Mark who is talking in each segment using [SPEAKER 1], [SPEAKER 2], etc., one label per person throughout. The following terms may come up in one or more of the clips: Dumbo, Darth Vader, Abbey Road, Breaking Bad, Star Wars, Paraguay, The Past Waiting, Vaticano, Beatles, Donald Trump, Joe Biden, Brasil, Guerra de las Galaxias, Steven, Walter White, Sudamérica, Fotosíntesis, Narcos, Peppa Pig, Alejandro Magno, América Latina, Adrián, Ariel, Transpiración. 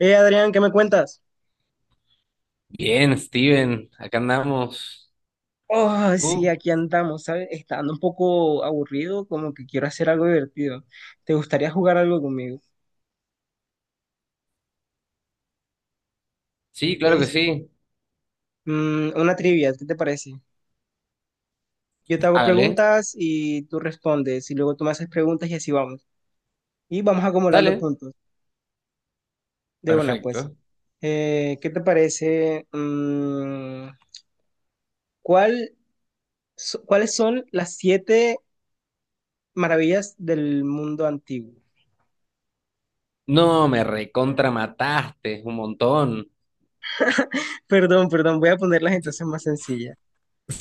[SPEAKER 1] Adrián, ¿qué me cuentas?
[SPEAKER 2] Bien, Steven, acá andamos.
[SPEAKER 1] Oh, sí,
[SPEAKER 2] ¿Tú?
[SPEAKER 1] aquí andamos, ¿sabes? Está dando un poco aburrido, como que quiero hacer algo divertido. ¿Te gustaría jugar algo conmigo?
[SPEAKER 2] Sí,
[SPEAKER 1] ¿Qué
[SPEAKER 2] claro que
[SPEAKER 1] es?
[SPEAKER 2] sí.
[SPEAKER 1] Mm, una trivia, ¿qué te parece? Yo te hago
[SPEAKER 2] Hágale,
[SPEAKER 1] preguntas y tú respondes, y luego tú me haces preguntas y así vamos. Y vamos acumulando
[SPEAKER 2] dale.
[SPEAKER 1] puntos de una, pues.
[SPEAKER 2] Perfecto.
[SPEAKER 1] ¿Qué te parece? ¿Cuál, ¿Cuáles son las 7 maravillas del mundo antiguo?
[SPEAKER 2] No, me recontra mataste un montón.
[SPEAKER 1] Perdón, perdón, voy a ponerlas entonces más sencillas.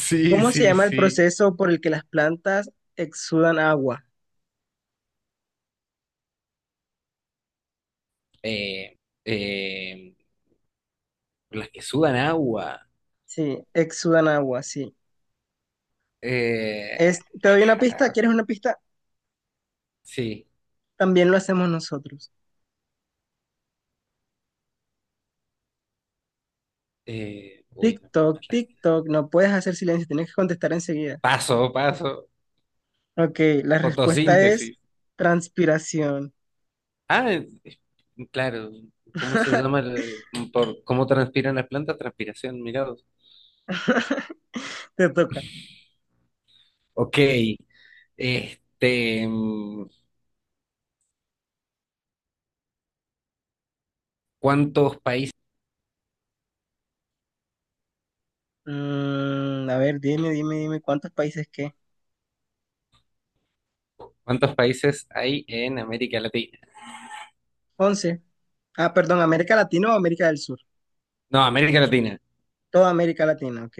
[SPEAKER 2] Sí,
[SPEAKER 1] ¿Cómo se
[SPEAKER 2] sí,
[SPEAKER 1] llama el
[SPEAKER 2] sí.
[SPEAKER 1] proceso por el que las plantas exudan agua?
[SPEAKER 2] Eh, eh, las que sudan agua.
[SPEAKER 1] Sí, exudan agua, sí.
[SPEAKER 2] Eh,
[SPEAKER 1] Es, te doy una pista,
[SPEAKER 2] ah,
[SPEAKER 1] ¿quieres una pista?
[SPEAKER 2] sí.
[SPEAKER 1] También lo hacemos nosotros.
[SPEAKER 2] Uy, no, me
[SPEAKER 1] TikTok,
[SPEAKER 2] mataste.
[SPEAKER 1] TikTok, no puedes hacer silencio, tienes que contestar enseguida.
[SPEAKER 2] Paso, paso.
[SPEAKER 1] Ok, la respuesta es
[SPEAKER 2] Fotosíntesis.
[SPEAKER 1] transpiración.
[SPEAKER 2] Ah, claro. ¿Cómo se llama por cómo transpiran las plantas? Transpiración, mirados.
[SPEAKER 1] Te toca.
[SPEAKER 2] Ok. Este, ¿cuántos países,
[SPEAKER 1] Mm, a ver, dime, ¿cuántos países qué?
[SPEAKER 2] cuántos países hay en América Latina?
[SPEAKER 1] Once. Ah, perdón, ¿América Latina o América del Sur?
[SPEAKER 2] No, América Latina.
[SPEAKER 1] Toda América Latina, ok.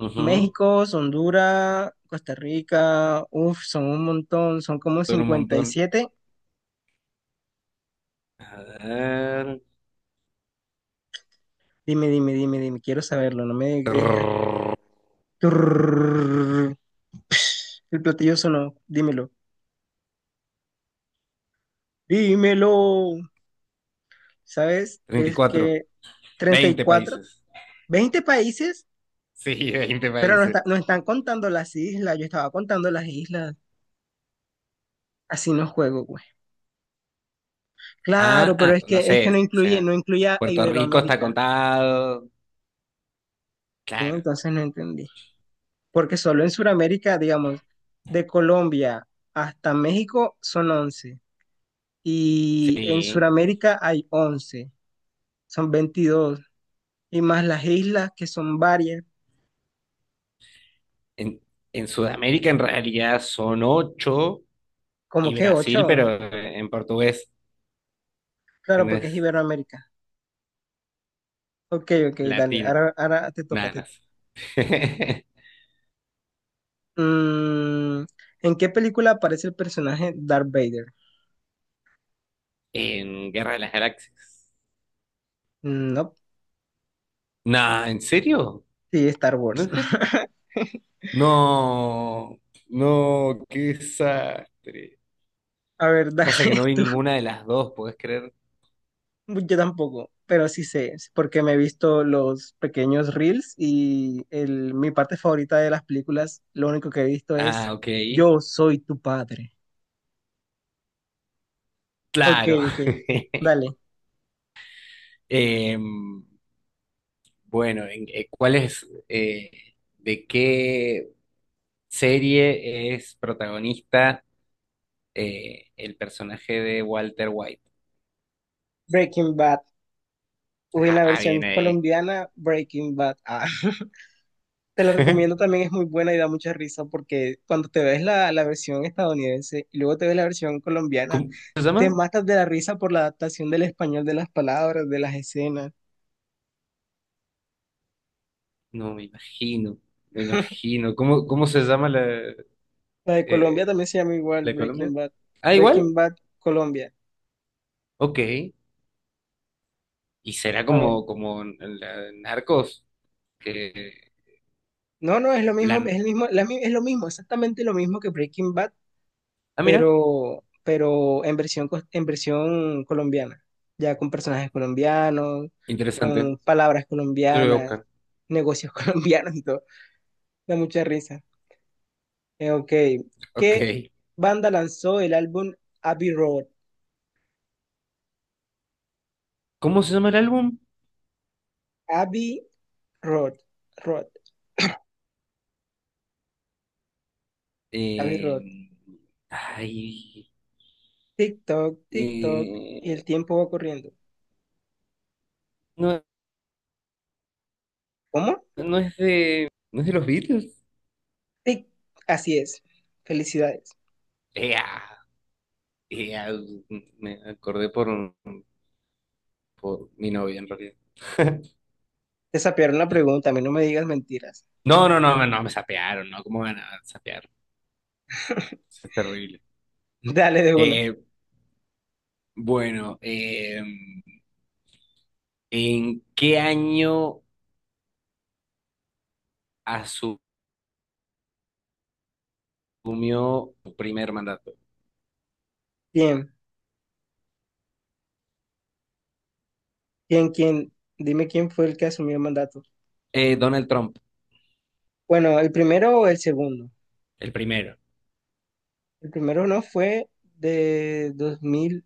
[SPEAKER 2] Ujú,
[SPEAKER 1] México, Honduras, Costa Rica, uff, son un montón, son como
[SPEAKER 2] son un
[SPEAKER 1] cincuenta y
[SPEAKER 2] montón.
[SPEAKER 1] siete.
[SPEAKER 2] A ver.
[SPEAKER 1] Dime, quiero saberlo, no me dejes.
[SPEAKER 2] Trrr,
[SPEAKER 1] Turrrrrr. El platillo sonó, dímelo. ¿Sabes? Es
[SPEAKER 2] 34.
[SPEAKER 1] que treinta y
[SPEAKER 2] 20
[SPEAKER 1] cuatro,
[SPEAKER 2] países.
[SPEAKER 1] 20 países,
[SPEAKER 2] Sí, 20
[SPEAKER 1] pero no,
[SPEAKER 2] países.
[SPEAKER 1] no están contando las islas, yo estaba contando las islas. Así no juego, güey.
[SPEAKER 2] Ah,
[SPEAKER 1] Claro,
[SPEAKER 2] ah,
[SPEAKER 1] pero es
[SPEAKER 2] no
[SPEAKER 1] que es que no
[SPEAKER 2] sé, o
[SPEAKER 1] incluye,
[SPEAKER 2] sea,
[SPEAKER 1] no incluye a
[SPEAKER 2] Puerto Rico está
[SPEAKER 1] Iberoamérica.
[SPEAKER 2] contado.
[SPEAKER 1] ¿Eh?
[SPEAKER 2] Claro,
[SPEAKER 1] Entonces no entendí. Porque solo en Sudamérica, digamos, de Colombia hasta México son 11 y en
[SPEAKER 2] sí.
[SPEAKER 1] Sudamérica hay 11, son 22 y más las islas que son varias,
[SPEAKER 2] En, en Sudamérica en realidad son 8
[SPEAKER 1] como
[SPEAKER 2] y
[SPEAKER 1] que
[SPEAKER 2] Brasil,
[SPEAKER 1] ocho,
[SPEAKER 2] pero en portugués, que
[SPEAKER 1] claro,
[SPEAKER 2] no
[SPEAKER 1] porque es
[SPEAKER 2] es
[SPEAKER 1] Iberoamérica. Ok, ok, dale,
[SPEAKER 2] latina.
[SPEAKER 1] ahora te toca, te
[SPEAKER 2] Nada, no
[SPEAKER 1] toca.
[SPEAKER 2] sé.
[SPEAKER 1] Mm, ¿en qué película aparece el personaje Darth Vader?
[SPEAKER 2] En Guerra de las Galaxias.
[SPEAKER 1] Mm, no,
[SPEAKER 2] Nah, ¿en serio?
[SPEAKER 1] sí, Star
[SPEAKER 2] ¿No
[SPEAKER 1] Wars.
[SPEAKER 2] es Ger- No, no, qué desastre.
[SPEAKER 1] A ver, dale.
[SPEAKER 2] Pasa que no vi ninguna de las dos, ¿podés creer?
[SPEAKER 1] Yo tampoco, pero sí sé, sí, porque me he visto los pequeños reels y mi parte favorita de las películas, lo único que he visto es:
[SPEAKER 2] Ah, ok.
[SPEAKER 1] yo soy tu padre. Ok,
[SPEAKER 2] Claro.
[SPEAKER 1] ok, dale.
[SPEAKER 2] Em, bueno, ¿de qué serie es protagonista el personaje de Walter White?
[SPEAKER 1] Breaking Bad. Uy, en la
[SPEAKER 2] Ah,
[SPEAKER 1] versión
[SPEAKER 2] bien ahí.
[SPEAKER 1] colombiana, Breaking Bad. Ah, te la recomiendo también, es muy buena y da mucha risa porque cuando te ves la versión estadounidense y luego te ves la versión colombiana,
[SPEAKER 2] ¿Cómo se
[SPEAKER 1] te
[SPEAKER 2] llama?
[SPEAKER 1] matas de la risa por la adaptación del español de las palabras, de las escenas.
[SPEAKER 2] No, me imagino, me imagino. ¿Cómo se llama
[SPEAKER 1] La de Colombia
[SPEAKER 2] eh,
[SPEAKER 1] también se llama igual
[SPEAKER 2] la de Colombia?
[SPEAKER 1] Breaking Bad.
[SPEAKER 2] Ah,
[SPEAKER 1] Breaking
[SPEAKER 2] igual.
[SPEAKER 1] Bad Colombia.
[SPEAKER 2] Ok. Y será
[SPEAKER 1] A ver.
[SPEAKER 2] como en la en Narcos, que
[SPEAKER 1] No, no, es lo mismo,
[SPEAKER 2] la...
[SPEAKER 1] es el mismo, es lo mismo, exactamente lo mismo que Breaking Bad,
[SPEAKER 2] Ah, mira,
[SPEAKER 1] pero en en versión colombiana. Ya con personajes colombianos,
[SPEAKER 2] interesante.
[SPEAKER 1] con palabras
[SPEAKER 2] Yo lo voy a
[SPEAKER 1] colombianas,
[SPEAKER 2] buscar.
[SPEAKER 1] negocios colombianos y todo. Da mucha risa. Ok.
[SPEAKER 2] Ok.
[SPEAKER 1] ¿Qué banda lanzó el álbum Abbey Road?
[SPEAKER 2] ¿Cómo se llama el álbum?
[SPEAKER 1] Abbey Road. Road. Abbey Road.
[SPEAKER 2] Eh, Ay...
[SPEAKER 1] Tic-toc, tic-toc, y
[SPEAKER 2] eh,
[SPEAKER 1] el tiempo va corriendo.
[SPEAKER 2] No,
[SPEAKER 1] ¿Cómo?
[SPEAKER 2] ¿No es de los Beatles?
[SPEAKER 1] Tic. Así es. Felicidades.
[SPEAKER 2] Ea, ea, me acordé por mi novia en realidad.
[SPEAKER 1] Te sapearon la pregunta, a mí no me digas mentiras.
[SPEAKER 2] No, no, no, no, me sapearon, ¿no? ¿Cómo van a sapear? Eso es terrible.
[SPEAKER 1] Dale de una.
[SPEAKER 2] Eh, bueno, ¿en qué año asumió su primer mandato?
[SPEAKER 1] ¿Quién? ¿Quién? ¿Quién? Dime quién fue el que asumió el mandato.
[SPEAKER 2] Donald Trump,
[SPEAKER 1] Bueno, ¿el primero o el segundo?
[SPEAKER 2] el primero.
[SPEAKER 1] El primero, ¿no fue de 2000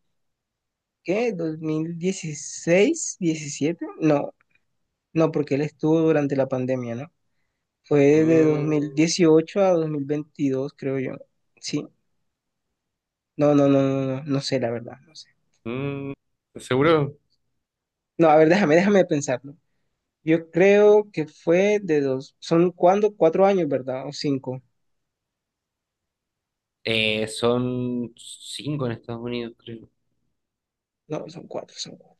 [SPEAKER 1] qué? 2016, 17. No, no, porque él estuvo durante la pandemia, ¿no? Fue de dos mil
[SPEAKER 2] Mm,
[SPEAKER 1] dieciocho a 2022, creo yo. Sí. No, no, no, no, no, no sé la verdad. No sé.
[SPEAKER 2] mm, ¿Seguro?
[SPEAKER 1] No, a ver, déjame, déjame pensarlo. Yo creo que fue de dos. ¿Son cuándo? 4 años, ¿verdad? O cinco.
[SPEAKER 2] Son cinco en Estados Unidos, creo.
[SPEAKER 1] No, son cuatro, son cuatro.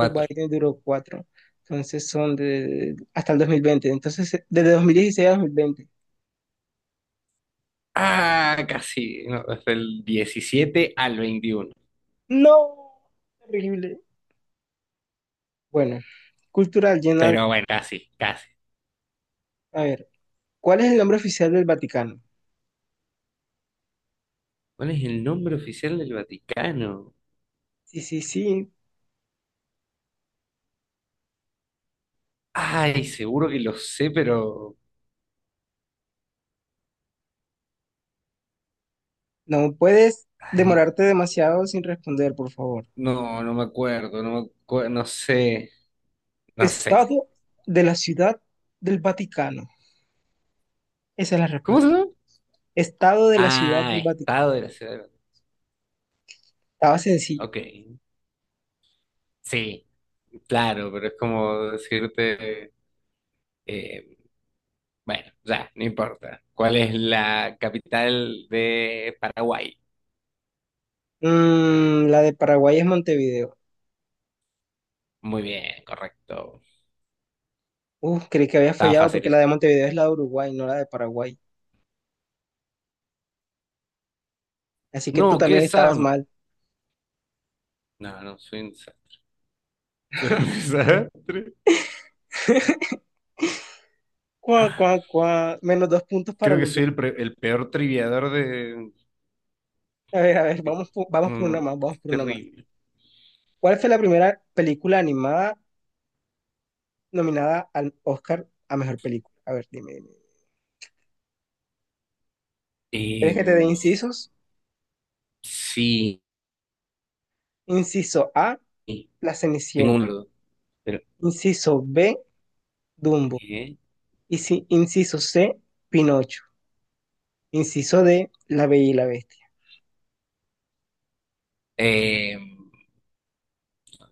[SPEAKER 1] Joe Biden duró cuatro. Entonces son de hasta el 2020. Entonces, desde 2016 a 2020.
[SPEAKER 2] Ah, casi. No, es del 17 al 21.
[SPEAKER 1] No, terrible. Bueno, cultural general.
[SPEAKER 2] Pero bueno, casi, casi.
[SPEAKER 1] A ver, ¿cuál es el nombre oficial del Vaticano?
[SPEAKER 2] ¿Cuál es el nombre oficial del Vaticano?
[SPEAKER 1] Sí, sí, sí.
[SPEAKER 2] Ay, seguro que lo sé, pero...
[SPEAKER 1] No puedes
[SPEAKER 2] Ay,
[SPEAKER 1] demorarte demasiado sin responder, por favor.
[SPEAKER 2] no, no me acuerdo, no me acuerdo, no sé, no sé.
[SPEAKER 1] Estado de la Ciudad del Vaticano. Esa es la
[SPEAKER 2] ¿Cómo
[SPEAKER 1] respuesta.
[SPEAKER 2] se llama?
[SPEAKER 1] Estado de la Ciudad
[SPEAKER 2] Ah,
[SPEAKER 1] del Vaticano.
[SPEAKER 2] Estado de la Ciudad de México.
[SPEAKER 1] Estaba sencillo.
[SPEAKER 2] Ok, sí, claro, pero es como decirte... eh, bueno, ya, no importa. ¿Cuál es la capital de Paraguay?
[SPEAKER 1] Mm, la de Paraguay es Montevideo.
[SPEAKER 2] Muy bien, correcto.
[SPEAKER 1] Uf, creí que había
[SPEAKER 2] Estaba
[SPEAKER 1] fallado
[SPEAKER 2] fácil
[SPEAKER 1] porque la
[SPEAKER 2] eso.
[SPEAKER 1] de Montevideo es la de Uruguay, no la de Paraguay. Así que tú
[SPEAKER 2] No, ¿qué
[SPEAKER 1] también
[SPEAKER 2] es
[SPEAKER 1] estabas
[SPEAKER 2] Sound?
[SPEAKER 1] mal.
[SPEAKER 2] No, no, soy un desastre.
[SPEAKER 1] Cuá, cuá, cuá. Menos dos puntos para
[SPEAKER 2] Creo que
[SPEAKER 1] los dos.
[SPEAKER 2] soy el peor triviador de.
[SPEAKER 1] A ver,
[SPEAKER 2] Qué-
[SPEAKER 1] vamos
[SPEAKER 2] No,
[SPEAKER 1] por una
[SPEAKER 2] no,
[SPEAKER 1] más,
[SPEAKER 2] qué
[SPEAKER 1] vamos por una más.
[SPEAKER 2] terrible.
[SPEAKER 1] ¿Cuál fue la primera película animada nominada al Oscar a mejor película? A ver, dime, dime. ¿Quieres que
[SPEAKER 2] Em,
[SPEAKER 1] te dé incisos?
[SPEAKER 2] sí,
[SPEAKER 1] Inciso A, La
[SPEAKER 2] tengo
[SPEAKER 1] Cenicienta.
[SPEAKER 2] un pero,
[SPEAKER 1] Inciso B, Dumbo.
[SPEAKER 2] ¿eh?
[SPEAKER 1] Y si, inciso C, Pinocho. Inciso D, La Bella y la Bestia.
[SPEAKER 2] Em,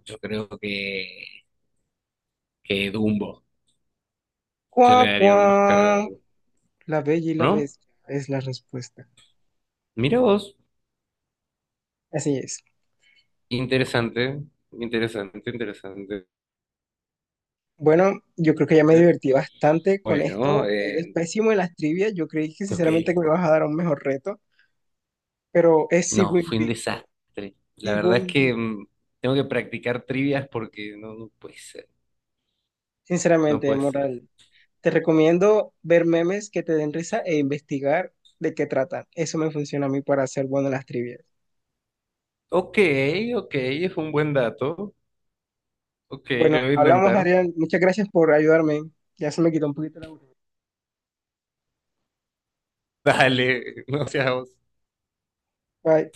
[SPEAKER 2] yo creo que Dumbo. Yo le
[SPEAKER 1] Cuá,
[SPEAKER 2] daría un Oscar a
[SPEAKER 1] cuá.
[SPEAKER 2] Dumbo.
[SPEAKER 1] La Bella y la
[SPEAKER 2] ¿No?
[SPEAKER 1] Bestia es la respuesta.
[SPEAKER 2] Mira vos.
[SPEAKER 1] Así es.
[SPEAKER 2] Interesante, interesante, interesante.
[SPEAKER 1] Bueno, yo creo que ya me divertí bastante con
[SPEAKER 2] Bueno,
[SPEAKER 1] esto. Eres pésimo en las trivias. Yo creí que
[SPEAKER 2] ok.
[SPEAKER 1] sinceramente que me vas a dar un mejor reto, pero es sigo
[SPEAKER 2] No, fue un
[SPEAKER 1] invicto.
[SPEAKER 2] desastre. La
[SPEAKER 1] Sigo
[SPEAKER 2] verdad es que
[SPEAKER 1] invicto.
[SPEAKER 2] tengo que practicar trivias porque no, no puede ser. No
[SPEAKER 1] Sinceramente,
[SPEAKER 2] puede ser.
[SPEAKER 1] moral. Te recomiendo ver memes que te den risa e investigar de qué tratan. Eso me funciona a mí para ser bueno en las trivias.
[SPEAKER 2] Ok, ok, es un buen dato. Ok,
[SPEAKER 1] Bueno,
[SPEAKER 2] lo voy a
[SPEAKER 1] hablamos,
[SPEAKER 2] intentar.
[SPEAKER 1] Ariel. Muchas gracias por ayudarme. Ya se me quitó un poquito la aburrimiento.
[SPEAKER 2] Dale, no seas vos.
[SPEAKER 1] Bye.